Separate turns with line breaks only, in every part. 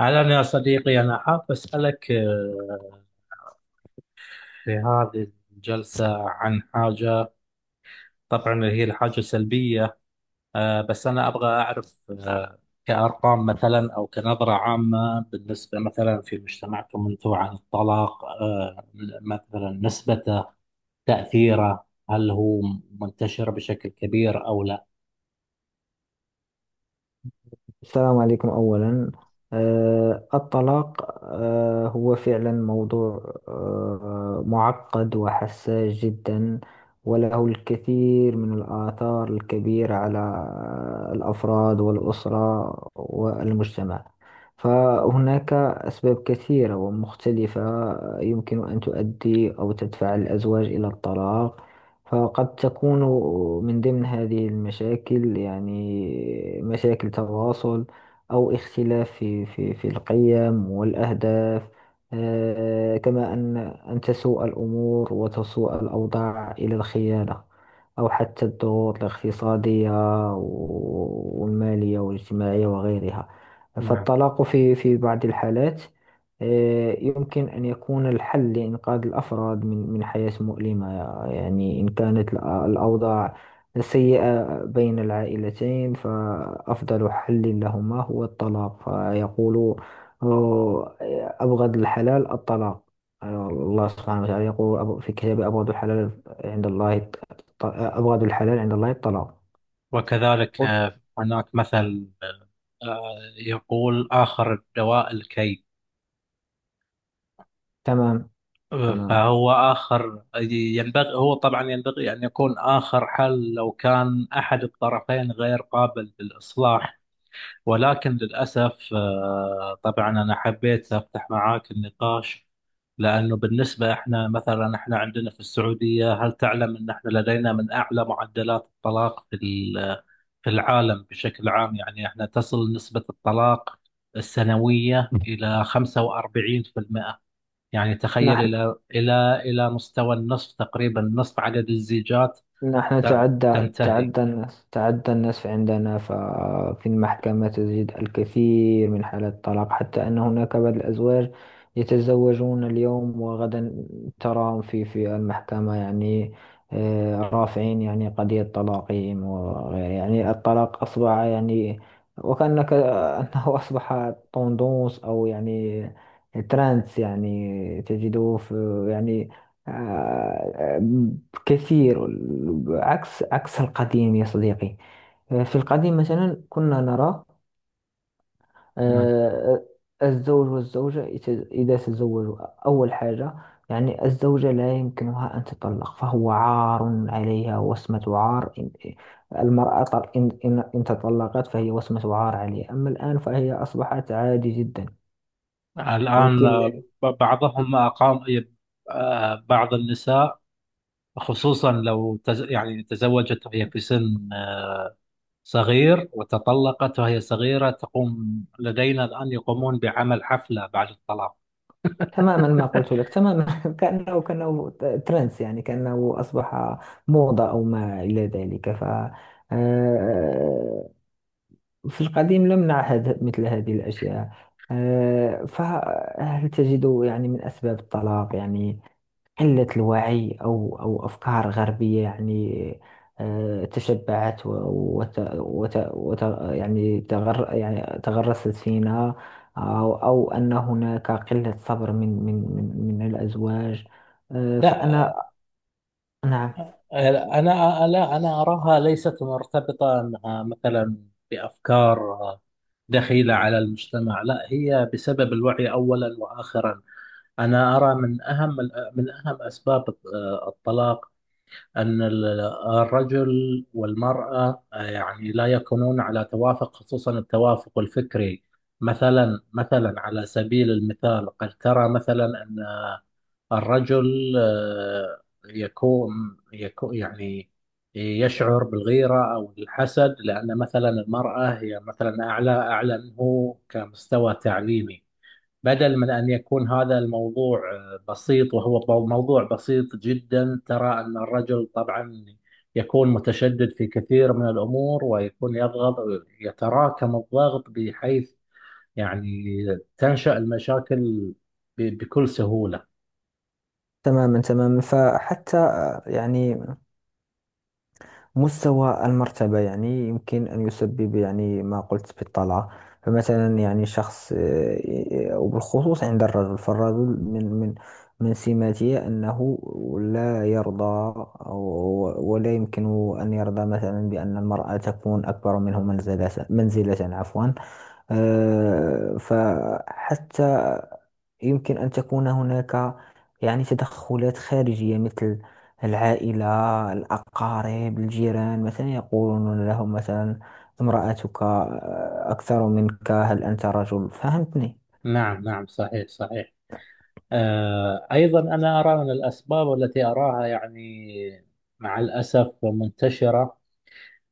أهلا يا صديقي، أنا حاب أسألك في هذه الجلسة عن حاجة. طبعا هي الحاجة سلبية، بس أنا أبغى أعرف كأرقام مثلا، أو كنظرة عامة بالنسبة مثلا في مجتمعكم أنتم عن الطلاق. مثلا نسبته، تأثيره، هل هو منتشر بشكل كبير أو لا؟
السلام عليكم أولا. الطلاق هو فعلا موضوع معقد وحساس جدا، وله الكثير من الآثار الكبيرة على الأفراد والأسرة والمجتمع. فهناك أسباب كثيرة ومختلفة يمكن أن تؤدي أو تدفع الأزواج إلى الطلاق. فقد تكون من ضمن هذه المشاكل يعني مشاكل تواصل أو اختلاف في القيم والأهداف. كما أن أن تسوء الأمور وتسوء الأوضاع إلى الخيانة أو حتى الضغوط الاقتصادية والمالية والاجتماعية وغيرها.
نعم.
فالطلاق في بعض الحالات يمكن أن يكون الحل لإنقاذ الأفراد من حياة مؤلمة. يعني إن كانت الأوضاع سيئة بين العائلتين فأفضل حل لهما هو الطلاق، فيقول آه، أبغض الحلال الطلاق. الله سبحانه وتعالى يقول في كتابه أبغض الحلال عند الله أبغض الحلال عند الله الطلاق.
وكذلك هناك مثل آه، يقول: آخر الدواء الكي.
تمام، تمام.
فهو آخر، ينبغي، هو طبعا ينبغي أن يكون آخر حل لو كان أحد الطرفين غير قابل للإصلاح. ولكن للأسف طبعا أنا حبيت أفتح معاك النقاش، لأنه بالنسبة إحنا، مثلا إحنا عندنا في السعودية، هل تعلم أن إحنا لدينا من أعلى معدلات الطلاق في العالم بشكل عام؟ يعني إحنا تصل نسبة الطلاق السنوية إلى 45%. يعني تخيل
نحن
إلى مستوى النصف تقريبا، نصف عدد الزيجات
نحن تعدى
تنتهي.
تعدى الناس تعدى الناس عندنا، ففي المحكمة تجد الكثير من حالات الطلاق، حتى أن هناك بعض الأزواج يتزوجون اليوم وغدا تراهم في المحكمة. يعني رافعين يعني قضية طلاقهم وغير، يعني الطلاق أصبح يعني وكأنك أنه أصبح طندوس أو يعني ترانس، يعني تجده في يعني آه، كثير. عكس القديم يا صديقي. في القديم مثلا كنا نرى
مم.
آه، الزوج والزوجة إذا تزوجوا أول حاجة، يعني الزوجة لا يمكنها أن تطلق فهو عار عليها وسمة عار، المرأة إن تطلقت فهي وسمة عار عليها، أما الآن فهي أصبحت عادي جدا.
الآن
يمكن.
بعضهم أقام، بعض النساء، خصوصا لو يعني تزوجت وهي في سن صغير، وتطلقت وهي صغيرة، تقوم لدينا الآن، يقومون بعمل حفلة بعد الطلاق.
تماما، ما قلت لك تماما. كأنه ترندس، يعني كأنه أصبح موضة أو ما إلى ذلك. ف آه، في القديم لم نعهد مثل هذه الأشياء. فهل تجد يعني من أسباب الطلاق يعني قلة الوعي أو أفكار غربية، يعني تشبعت و- وت وت وت يعني يعني تغرست فينا؟ أو أن هناك قلة صبر من الأزواج.
لا
فأنا. نعم.
أنا لا، أنا أراها ليست مرتبطة أنها مثلا بأفكار دخيلة على المجتمع، لا، هي بسبب الوعي أولا وآخرا. أنا أرى من أهم، من أهم أسباب الطلاق، أن الرجل والمرأة يعني لا يكونون على توافق، خصوصا التوافق الفكري. مثلا، على سبيل المثال، قد ترى مثلا أن الرجل يكون يعني يشعر بالغيرة أو الحسد، لأن مثلا المرأة هي مثلا أعلى منه كمستوى تعليمي. بدل من أن يكون هذا الموضوع بسيط، وهو موضوع بسيط جدا، ترى أن الرجل طبعا يكون متشدد في كثير من الأمور، ويكون يضغط، يتراكم الضغط بحيث يعني تنشأ المشاكل بكل سهولة.
تماما، تماما. فحتى يعني مستوى المرتبة يعني يمكن أن يسبب، يعني ما قلت بالطلعة. فمثلا يعني شخص، وبالخصوص عند الرجل، فالرجل من سماته أنه لا يرضى ولا يمكن أن يرضى مثلا بأن المرأة تكون أكبر منه منزلة عفوا. فحتى يمكن أن تكون هناك يعني تدخلات خارجية، مثل العائلة، الأقارب، الجيران، مثلا يقولون لهم مثلا امرأتك أكثر منك، هل أنت رجل؟ فهمتني.
نعم، نعم، صحيح، صحيح. أيضا أنا أرى من الأسباب التي أراها يعني مع الأسف منتشرة،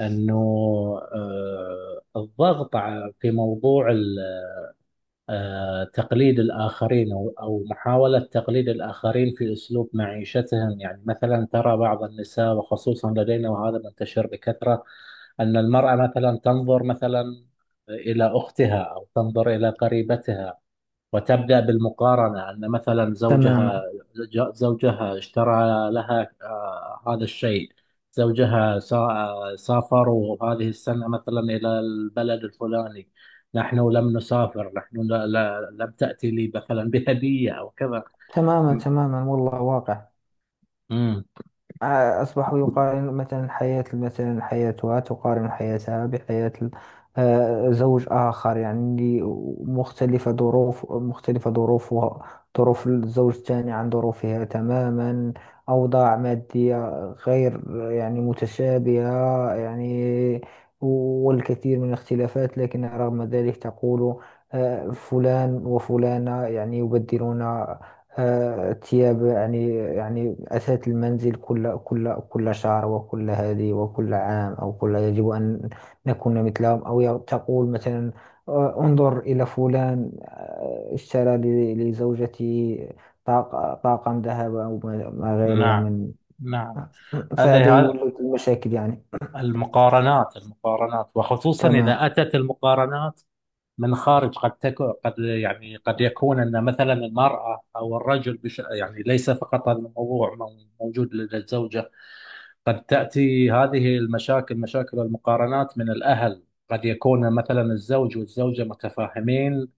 أنه الضغط، في موضوع تقليد الآخرين، أو محاولة تقليد الآخرين في أسلوب معيشتهم. يعني مثلا ترى بعض النساء، وخصوصا لدينا وهذا منتشر بكثرة، أن المرأة مثلا تنظر مثلا إلى أختها، أو تنظر إلى قريبتها، وتبدأ بالمقارنة، أن مثلا زوجها،
تماما
زوجها اشترى لها هذا الشيء، زوجها سافروا هذه السنة مثلا إلى البلد الفلاني، نحن لم نسافر، نحن لا لم تأتي لي مثلا بهدية أو كذا.
تماما
م-
تماما والله واقع.
مم.
أصبحوا يقارن مثلا حياة، مثلا حياتها تقارن حياتها بحياة زوج آخر، يعني مختلفة، ظروف مختلفة، ظروفها ظروف الزوج الثاني عن ظروفها تماما، أوضاع مادية غير يعني متشابهة، يعني والكثير من الاختلافات. لكن رغم ذلك تقول فلان وفلانة يعني يبدلون الثياب، يعني يعني أثاث المنزل كل شهر، وكل هذه، وكل عام، أو كل، يجب أن نكون مثلهم. أو تقول مثلا انظر إلى فلان اشترى لزوجته طاقم ذهب أو ما غيرها
نعم،
من،
نعم.
فهذا
هذه هذ-
يولد المشاكل يعني.
المقارنات، المقارنات، وخصوصا
تمام.
إذا أتت المقارنات من خارج. قد تكون قد يعني قد يكون ان مثلا المراه او الرجل بش، يعني ليس فقط هذا الموضوع موجود لدى الزوجه. قد تاتي هذه المشاكل، مشاكل المقارنات، من الاهل. قد يكون مثلا الزوج والزوجه متفاهمين،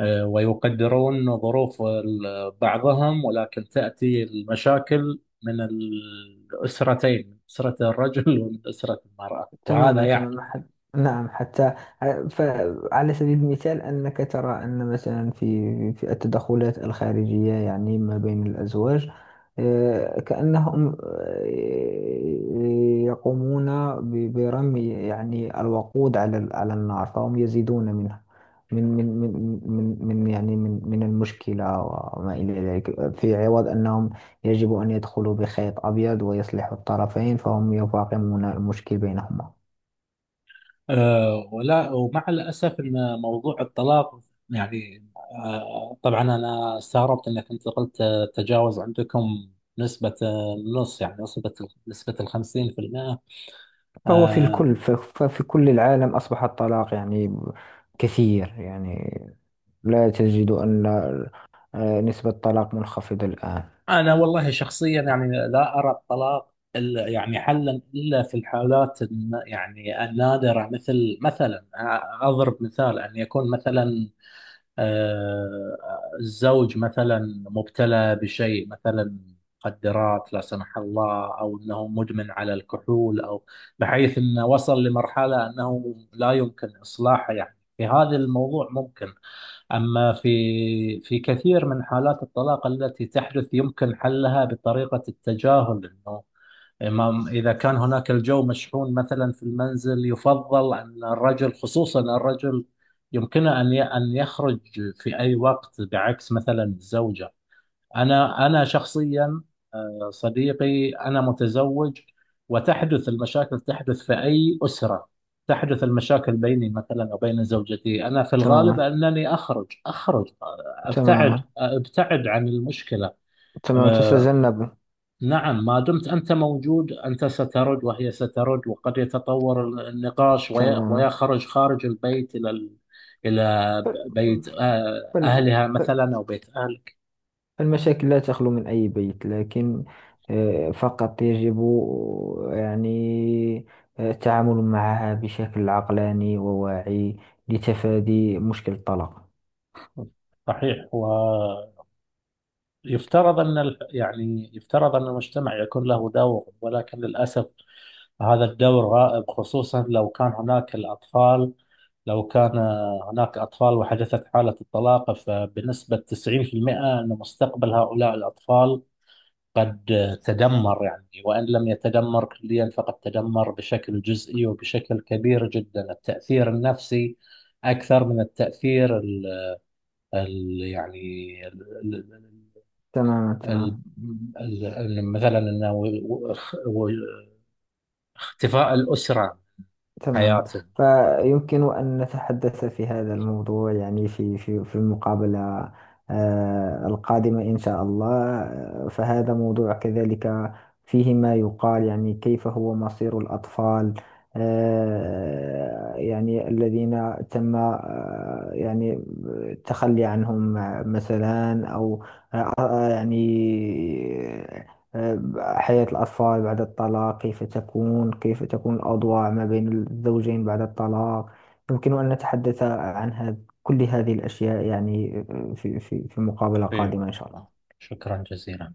ويقدرون ظروف بعضهم، ولكن تاتي المشاكل من الاسرتين، من اسره الرجل ومن اسره المراه، وهذا
تماما،
يعكس.
تماما. نعم، حتى، فعلى سبيل المثال أنك ترى أن مثلا في التدخلات الخارجية يعني ما بين الأزواج، كأنهم يقومون برمي يعني الوقود على على النار، فهم يزيدون منها من من من من يعني من المشكلة وما إلى ذلك، في عوض أنهم يجب أن يدخلوا بخيط أبيض ويصلحوا الطرفين، فهم يفاقمون المشكل بينهما.
ولا، ومع الأسف أن موضوع الطلاق، يعني، طبعا أنا استغربت أنك أنت قلت تجاوز عندكم نسبة، النص، يعني نسبة، نسبة 50%.
فهو في
آه،
الكل، ففي كل العالم أصبح الطلاق يعني كثير، يعني لا تجد أن نسبة الطلاق منخفضة الآن.
أنا والله شخصيا يعني لا أرى الطلاق يعني حلا، إلا في الحالات يعني النادرة، مثل مثلا أضرب مثال، أن يكون مثلا آه، الزوج مثلا مبتلى بشيء، مثلا مخدرات، لا سمح الله، او انه مدمن على الكحول، او بحيث انه وصل لمرحله انه لا يمكن اصلاحه، يعني في هذا الموضوع ممكن. اما في كثير من حالات الطلاق التي تحدث، يمكن حلها بطريقه التجاهل، انه إذا كان هناك الجو مشحون مثلا في المنزل، يفضل أن الرجل، خصوصا الرجل، يمكنه أن يخرج في أي وقت، بعكس مثلا الزوجة. أنا شخصيا، صديقي، أنا متزوج، وتحدث المشاكل، تحدث في أي أسرة. تحدث المشاكل بيني مثلا وبين زوجتي، أنا في الغالب
تماما.
أنني أخرج، أخرج،
تماما
أبتعد، أبتعد عن المشكلة.
تماما تتجنب.
نعم، ما دمت أنت موجود، أنت سترد وهي سترد، وقد يتطور النقاش
تماما.
ويخرج خارج البيت، إلى بيت
فال-
أهلها
فال-
مثلا، أو بيت أهلك.
فالمشاكل لا تخلو من أي بيت، لكن فقط يجب يعني التعامل معها بشكل عقلاني وواعي لتفادي مشكل الطلاق.
صحيح. ويفترض أن يعني يفترض أن المجتمع يكون له دور، ولكن للأسف هذا الدور غائب، خصوصا لو كان هناك الأطفال. لو كان هناك أطفال وحدثت حالة الطلاق، فبنسبة 90% أن مستقبل هؤلاء الأطفال قد تدمر. يعني وإن لم يتدمر كليا فقد تدمر بشكل جزئي وبشكل كبير جدا، التأثير النفسي أكثر من التأثير ال ال يعني ال ال
تماما
ال
تماما
ال ال مثلا إنه و- اختفاء الأسرة عن
تماما.
حياته.
فيمكن أن نتحدث في هذا الموضوع يعني في المقابلة القادمة إن شاء الله. فهذا موضوع كذلك فيه ما يقال، يعني كيف هو مصير الأطفال يعني الذين تم يعني التخلي عنهم مثلا، أو يعني حياة الأطفال بعد الطلاق، كيف تكون، كيف تكون الأوضاع ما بين الزوجين بعد الطلاق. يمكن أن نتحدث عن هذا، كل هذه الأشياء يعني في مقابلة
في
قادمة إن شاء
وقتها،
الله.
شكرا جزيلا.